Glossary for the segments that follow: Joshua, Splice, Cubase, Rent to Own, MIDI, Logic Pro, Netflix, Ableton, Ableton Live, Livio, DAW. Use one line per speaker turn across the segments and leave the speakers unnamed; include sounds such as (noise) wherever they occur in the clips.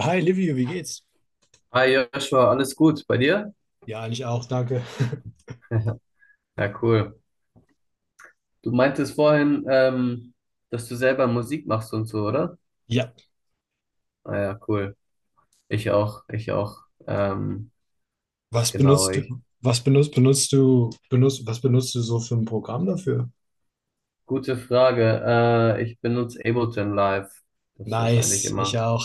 Hi Livio, wie geht's?
Hi Joshua, alles gut bei dir?
Ja, eigentlich auch, danke. (laughs)
(laughs) Ja, cool. Du meintest vorhin, dass du selber Musik machst und so, oder?
Ja,
Ah ja, cool. Ich auch, ich auch.
was
Genau,
benutzt du,
ich.
was benutzt, benutzt du, benutzt, was benutzt du so für ein Programm dafür?
Gute Frage. Ich benutze Ableton Live. Das ist eigentlich
Nice, ich
immer.
auch.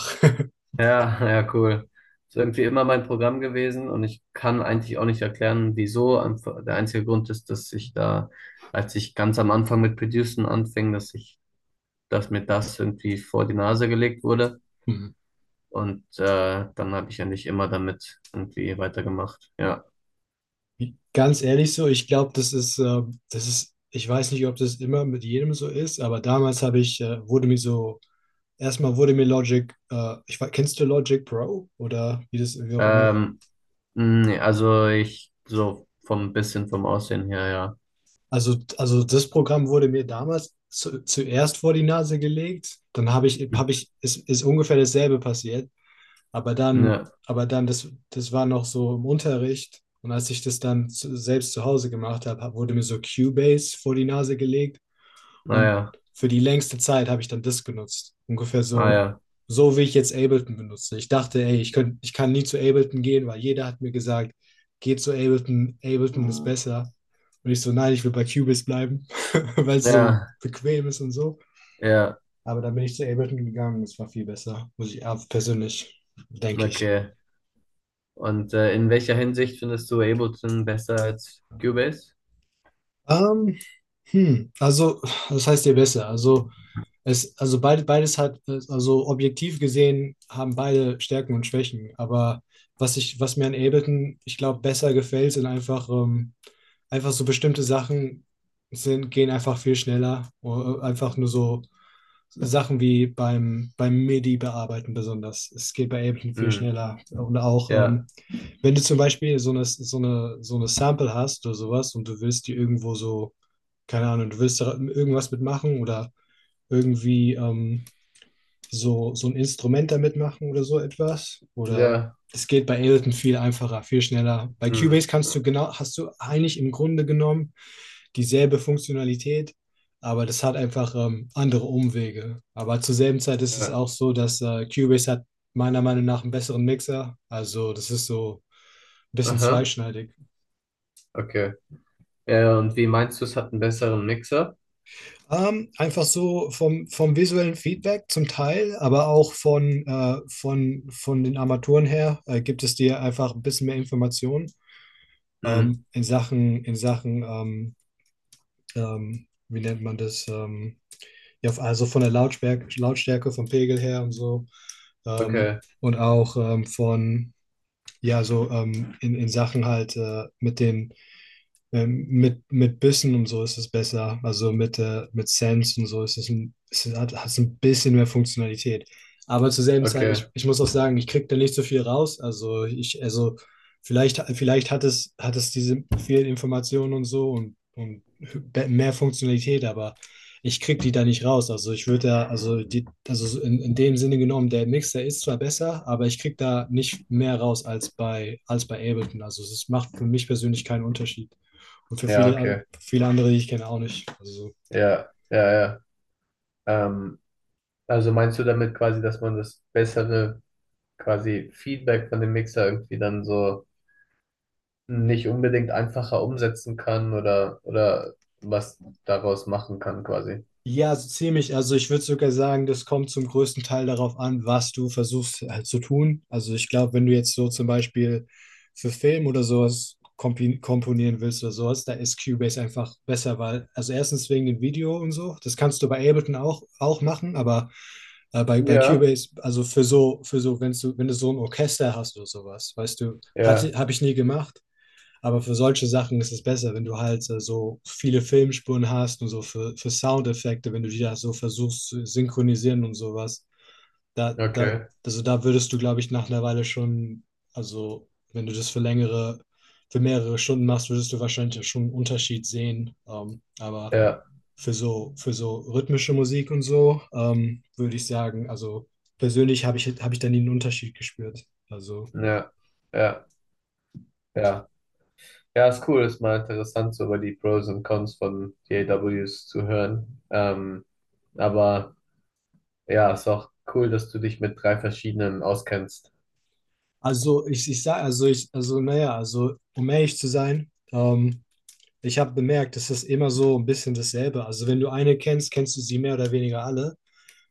Ja, (laughs) ja, cool. Ist irgendwie immer mein Programm gewesen und ich kann eigentlich auch nicht erklären, wieso. Einfach- Der einzige Grund ist, dass ich da, als ich ganz am Anfang mit Producen anfing, dass ich, dass mir das irgendwie vor die Nase gelegt wurde.
Hm.
Und dann habe ich eigentlich immer damit irgendwie weitergemacht. Ja.
Ganz ehrlich so, ich glaube, das ist, ich weiß nicht, ob das immer mit jedem so ist, aber damals habe ich, wurde mir so, erstmal wurde mir Logic. Kennst du Logic Pro oder wie auch immer.
Ähm, nee, also ich so vom bisschen vom Aussehen her, ja.
Also das Programm wurde mir damals zuerst vor die Nase gelegt, dann
Mhm.
ist ungefähr dasselbe passiert, aber dann,
Ja,
aber dann, das, das war noch so im Unterricht, und als ich das dann selbst zu Hause gemacht habe, wurde mir so Cubase vor die Nase gelegt, und
naja,
für die längste Zeit habe ich dann das genutzt. Ungefähr
ah
so,
ja.
so wie ich jetzt Ableton benutze. Ich dachte, ey, ich kann nie zu Ableton gehen, weil jeder hat mir gesagt, geh zu Ableton, Ableton ist
Mhm.
besser. Und ich so, nein, ich will bei Cubase bleiben, (laughs) weil es so
Ja,
bequem ist und so.
ja,
Aber dann bin ich zu Ableton gegangen, es war viel besser, muss ich ja, persönlich, denke ich.
okay. Und in welcher Hinsicht findest du Ableton besser als Cubase?
Ähm, Hm, also, das heißt ihr besser. Also, also beides hat, also objektiv gesehen, haben beide Stärken und Schwächen. Aber was mir an Ableton, ich glaube, besser gefällt, sind einfach so bestimmte Sachen sind, gehen einfach viel schneller. Oder einfach nur so Sachen wie beim MIDI bearbeiten besonders. Es geht bei Ableton viel
Hm,
schneller. Und auch,
ja,
wenn du zum Beispiel so eine Sample hast oder sowas und du willst die irgendwo so, keine Ahnung, du willst da irgendwas mitmachen oder irgendwie ähm, so ein Instrument damit machen oder so etwas. Oder
ja,
es geht bei Ableton viel einfacher, viel schneller. Bei
hm,
Cubase kannst du genau, hast du eigentlich im Grunde genommen dieselbe Funktionalität, aber das hat einfach andere Umwege. Aber zur selben Zeit ist es
ja,
auch so, dass Cubase hat meiner Meinung nach einen besseren Mixer. Also das ist so ein bisschen
aha,
zweischneidig.
okay. Ja, ja, und wie meinst du, es hat einen besseren Mixer?
Einfach so vom visuellen Feedback zum Teil, aber auch von den Armaturen her gibt es dir einfach ein bisschen mehr Informationen
Hm,
in Sachen wie nennt man das? Ja, also von der Lautstärke, vom Pegel her und so.
okay,
Und auch ja, so in Sachen halt mit den mit Bissen und so ist es besser. Also mit Sense und so ist es hat es ein bisschen mehr Funktionalität. Aber zur selben Zeit,
okay,
ich muss auch sagen, ich kriege da nicht so viel raus. Also ich, also vielleicht hat es diese vielen Informationen und so und mehr Funktionalität, aber ich kriege die da nicht raus. Also ich würde da, also so in dem Sinne genommen, der Mixer ist zwar besser, aber ich kriege da nicht mehr raus als als bei Ableton. Also es macht für mich persönlich keinen Unterschied. Und für
ja,
viele,
okay,
viele andere, die ich kenne, auch nicht. Also, so.
ja, ja, ja. Ähm, also meinst du damit quasi, dass man das bessere quasi Feedback von dem Mixer irgendwie dann so nicht unbedingt einfacher umsetzen kann oder was daraus machen kann quasi?
Ja, so ziemlich. Also ich würde sogar sagen, das kommt zum größten Teil darauf an, was du versuchst halt zu tun. Also ich glaube, wenn du jetzt so zum Beispiel für Film oder sowas komponieren willst oder sowas, da ist Cubase einfach besser, weil, also erstens wegen dem Video und so, das kannst du bei Ableton auch machen, aber bei
Ja,
Cubase, also für so, wenn du so ein Orchester hast oder sowas, weißt du,
ja,
habe ich nie gemacht. Aber für solche Sachen ist es besser, wenn du halt so viele Filmspuren hast und so für Soundeffekte, wenn du die da so versuchst zu synchronisieren und sowas. Da, da,
okay,
also da würdest du, glaube ich, nach einer Weile schon, also wenn du das für längere, für mehrere Stunden machst, würdest du wahrscheinlich ja schon einen Unterschied sehen. Aber
ja,
für so rhythmische Musik und so, würde ich sagen, also persönlich habe ich da nie einen Unterschied gespürt. Also
ja, ja, ja. Ja, ist cool, ist mal interessant, so über die Pros und Cons von DAWs zu hören. Aber ja, ist auch cool, dass du dich mit drei verschiedenen auskennst.
Also ich sage, also ich, also naja, also um ehrlich zu sein, ich habe bemerkt, es ist immer so ein bisschen dasselbe. Also wenn du eine kennst, kennst du sie mehr oder weniger alle.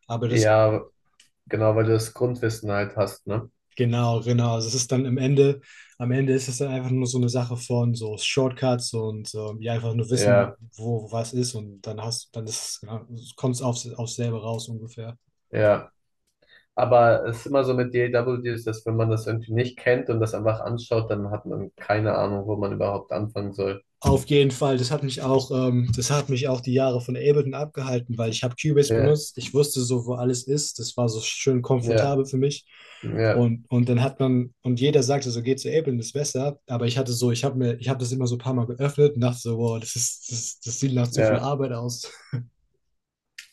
Aber das,
Ja, genau, weil du das Grundwissen halt hast, ne?
genau, genau. Also es ist dann am Ende ist es dann einfach nur so eine Sache von so Shortcuts und ja, einfach nur wissen,
Ja,
wo was ist, und dann ist, ja, kommt es aufs selbe raus ungefähr.
ja. Aber es ist immer so mit DAW Deals, dass wenn man das irgendwie nicht kennt und das einfach anschaut, dann hat man keine Ahnung, wo man überhaupt anfangen soll.
Auf jeden Fall, das hat mich auch, das hat mich auch die Jahre von Ableton abgehalten, weil ich habe Cubase
Ja,
benutzt, ich wusste so, wo alles ist, das war so schön
ja,
komfortabel für mich.
ja,
Und dann hat man, und jeder sagte so, geh zu Ableton, ist besser, aber ich hatte so, ich habe das immer so ein paar Mal geöffnet und dachte so, wow, das sieht nach zu viel
ja.
Arbeit aus.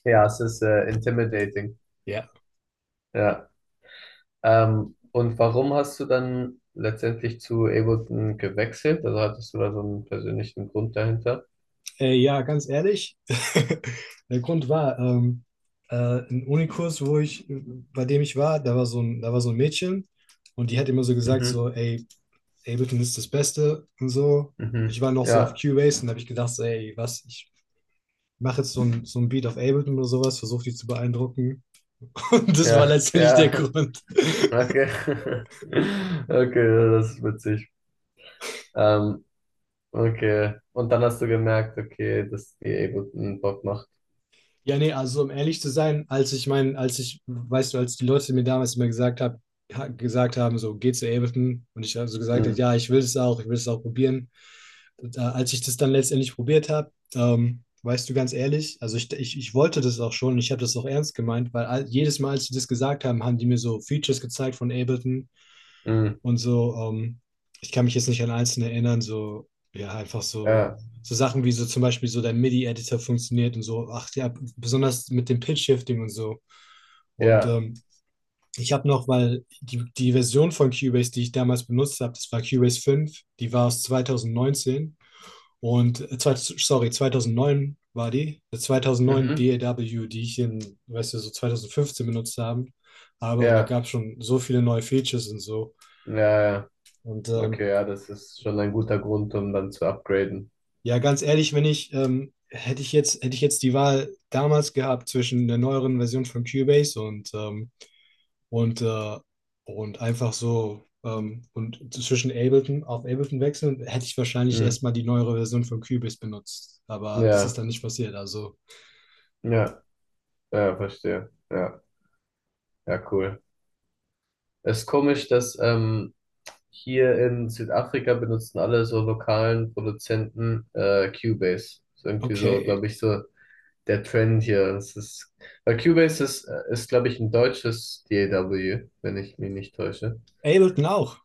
Ja, es ist intimidating.
Ja.
Ja. Und warum hast du dann letztendlich zu Ableton gewechselt? Also hattest du da so einen persönlichen Grund dahinter?
Ja, ganz ehrlich, (laughs) der Grund war, äh, ein Unikurs, bei dem ich war, da da war so ein Mädchen und die hat immer so gesagt,
Mhm,
so, ey, Ableton ist das Beste und so. Ich
mhm.
war noch so auf
Ja,
Cubase und habe ich gedacht, so, ey, was, ich mache jetzt so ein Beat auf Ableton oder sowas, versuche die zu beeindrucken. (laughs) Und das war
ja,
letztendlich der
ja. (laughs)
Grund. (laughs)
Okay. (laughs) Okay, das ist witzig. Ähm, Okay. Und dann hast du gemerkt, okay, dass die eh guten Bock macht.
Ja, nee, also um ehrlich zu sein, als ich, weißt du, als die Leute mir damals immer gesagt haben, so geh zu Ableton und ich habe so gesagt,
Mhm.
ja, ich will es ich will es auch probieren, da, als ich das dann letztendlich probiert habe, weißt du, ganz ehrlich, ich wollte das auch schon, ich habe das auch ernst gemeint, weil all, jedes Mal, als sie das gesagt haben, haben die mir so Features gezeigt von Ableton
Mhm.
und so, ich kann mich jetzt nicht an einzelne erinnern, so, ja, einfach so,
Ja,
so Sachen wie so zum Beispiel so der MIDI-Editor funktioniert und so, ach ja, besonders mit dem Pitch-Shifting und so. Und
ja.
ich habe noch, weil die Version von Cubase, die ich damals benutzt habe, das war Cubase 5. Die war aus 2019. Und äh, sorry, 2009 war die. 2009
Mhm.
DAW, die ich in, weißt du, so 2015 benutzt habe. Und da
Ja,
gab es schon so viele neue Features und so.
ja, ja.
Und
Okay, ja, das ist schon ein guter Grund, um dann zu upgraden.
ja, ganz ehrlich, wenn ich, hätte ich hätte ich jetzt die Wahl damals gehabt zwischen der neueren Version von Cubase und, äh, und einfach so und zwischen Ableton auf Ableton wechseln, hätte ich wahrscheinlich
Mhm.
erstmal die neuere Version von Cubase benutzt. Aber das ist
Ja,
dann nicht passiert. Also,
ja, ja, verstehe. Ja, ja, cool. Es ist komisch, dass hier in Südafrika benutzen alle so lokalen Produzenten Cubase. Ist irgendwie so,
okay.
glaube ich, so der Trend hier. Das ist, weil Cubase ist, ist glaube ich, ein deutsches DAW, wenn ich mich nicht täusche.
Ableton auch.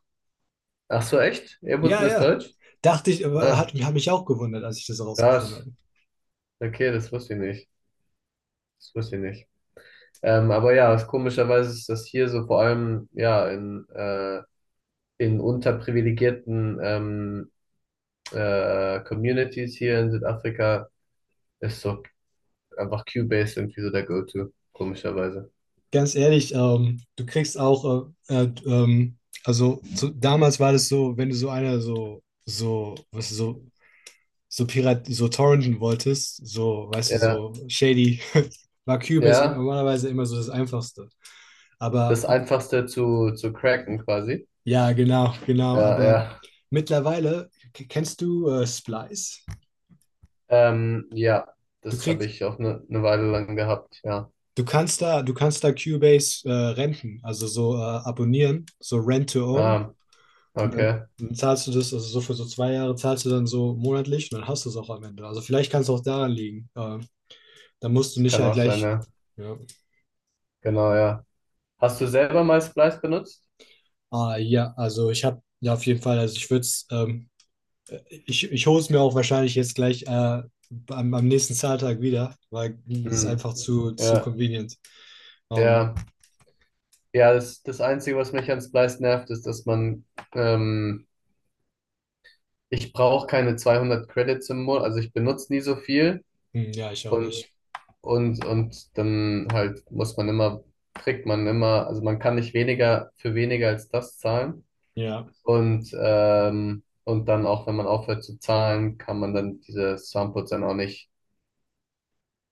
Ach so, echt?
Ja,
Ableton ist
ja.
deutsch?
Dachte ich, aber
Ah,
hat mich auch gewundert, als ich das herausgefunden
krass.
habe.
Okay, das wusste ich nicht. Das wusste ich nicht. Aber ja, es, komischerweise ist das hier so vor allem ja in unterprivilegierten Communities hier in Südafrika ist so einfach Cubase irgendwie so der Go-To, komischerweise.
Ganz ehrlich, du kriegst auch, also so, damals war das so, wenn du so Pirat, so torrenten wolltest, so, weißt du,
Ja,
so shady, (laughs) war Cubase
ja,
normalerweise immer so das Einfachste. Aber
das Einfachste zu cracken quasi.
ja, genau, genau,
Ja,
aber
ja.
mittlerweile, kennst du Splice?
Ja,
Du
das habe
kriegst,
ich auch eine ne Weile lang gehabt, ja.
Du kannst da, du kannst da Cubase renten, also so abonnieren, so Rent to Own.
Ah,
Und dann,
okay.
dann zahlst du das, also so für so zwei Jahre zahlst du dann so monatlich und dann hast du es auch am Ende. Also vielleicht kann es auch daran liegen. Dann musst du
Das
nicht
kann
halt
auch sein,
gleich.
ja.
Ja,
Genau, ja. Hast du selber mal Splice benutzt?
ah, ja, also ich habe ja auf jeden Fall, also ich würde es, äh, ich hole es mir auch wahrscheinlich jetzt gleich am nächsten Zahltag wieder, weil es ist
Hm.
einfach zu
Ja,
convenient. Ähm,
ja. Ja, das, das Einzige, was mich an Splice nervt, ist, dass man, ähm, ich brauche keine 200 Credits im Monat, also ich benutze nie so viel
hm, ja, ich auch
und,
nicht.
und dann halt muss man immer, kriegt man immer, also man kann nicht weniger für weniger als das zahlen.
Ja,
Und dann auch, wenn man aufhört zu zahlen, kann man dann diese Samples dann auch nicht,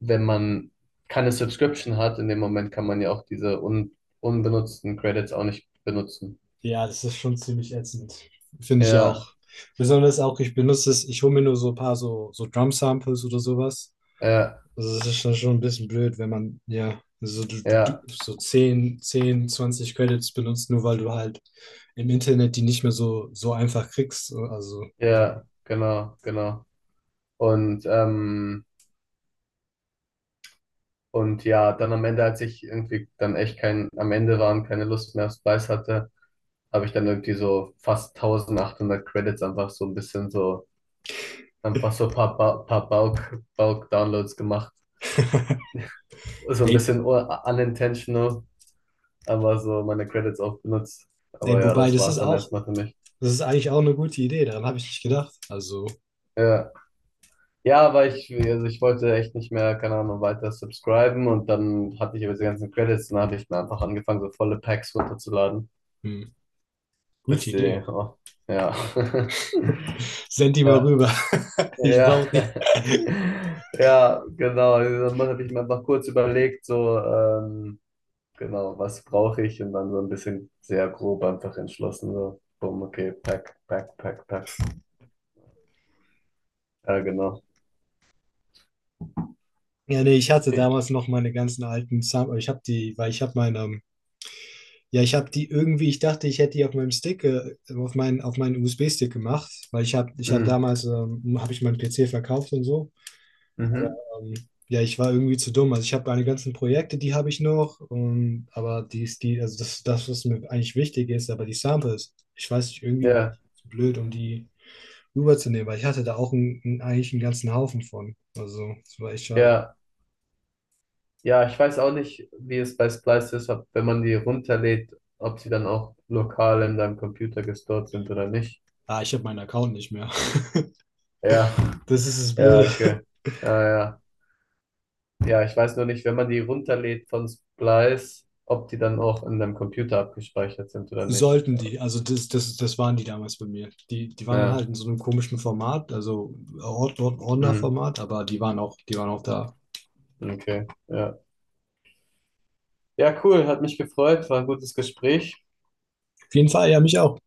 wenn man keine Subscription hat, in dem Moment kann man ja auch diese un unbenutzten Credits auch nicht benutzen.
ja, das ist schon ziemlich ätzend. Finde ich
Ja,
auch. Besonders auch, ich benutze es, ich hole mir nur so ein paar so, so Drum-Samples oder sowas.
ja,
Also das ist schon schon ein bisschen blöd, wenn man ja so, du,
ja,
so 10 10 20 Credits benutzt, nur weil du halt im Internet die nicht mehr so, so einfach kriegst. Also, ja.
ja, genau, genau. Und, ähm, und ja, dann am Ende, als ich irgendwie dann echt kein, am Ende waren, keine Lust mehr auf Spice hatte, habe ich dann irgendwie so fast 1800 Credits einfach so ein bisschen so Einfach so ein paar, ba paar Bulk-Downloads gemacht. So ein
Ey,
bisschen unintentional, aber so meine Credits auch benutzt.
Ey,
Aber ja,
wobei,
das war's dann erstmal für mich.
das ist eigentlich auch eine gute Idee, daran habe ich nicht gedacht. Also,
Ja, ja aber ich, also ich wollte echt nicht mehr, keine Ahnung, weiter subscriben und dann hatte ich aber diese ganzen Credits und dann habe ich mir einfach angefangen, so volle Packs runterzuladen.
hm,
Bis
gute
die,
Idee.
oh, ja. (laughs)
Send die mal
Ja,
rüber. (laughs) Ich
ja.
brauche die.
(laughs) Ja, genau. Dann habe ich mir einfach kurz überlegt, so, Genau, was brauche ich? Und dann so ein bisschen sehr grob einfach entschlossen, so, bumm, okay, pack, pack, pack, pack. Ja, genau.
Ja, nee, ich hatte
Okay.
damals noch meine ganzen alten Sam ich habe die, weil ich habe meine, ja, ich habe die irgendwie, ich dachte, ich hätte die auf meinem Stick, auf meinen USB-Stick gemacht, weil ich habe
Mm,
damals, habe ich meinen PC verkauft und so.
Mhm.
Ähm, ja, ich war irgendwie zu dumm. Also ich habe meine ganzen Projekte, die habe ich noch, aber die, ist die, also das, das, was mir eigentlich wichtig ist, aber die Samples, ich weiß nicht, irgendwie war
Ja,
ich zu blöd, um die rüberzunehmen, weil ich hatte da auch eigentlich einen ganzen Haufen von. Also, das war echt schade.
ja, ja, ich weiß auch nicht, wie es bei Splice ist, ob, wenn man die runterlädt, ob sie dann auch lokal in deinem Computer gestored sind oder nicht.
Ah, ich habe meinen Account nicht mehr. (laughs)
Ja,
Das ist das
ja,
Blöde.
okay.
(laughs)
Ja, ja. Ja, ich weiß nur nicht, wenn man die runterlädt von Splice, ob die dann auch in deinem Computer abgespeichert sind oder nicht.
Sollten
Ja,
die, also das waren die damals bei mir. Die waren dann
ja.
halt in so einem komischen Format, also
Hm.
Ordnerformat, aber die waren die waren auch da.
Okay, ja. Ja, cool, hat mich gefreut, war ein gutes Gespräch.
Auf jeden Fall, ja, mich auch. Auf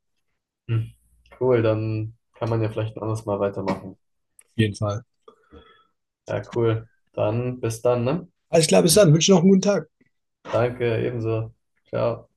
Hm. Cool, dann kann man ja vielleicht ein anderes Mal weitermachen.
jeden Fall.
Ja, cool. Dann bis dann, ne?
Alles klar, bis dann. Wünsche noch einen guten Tag.
Danke, ebenso. Ciao.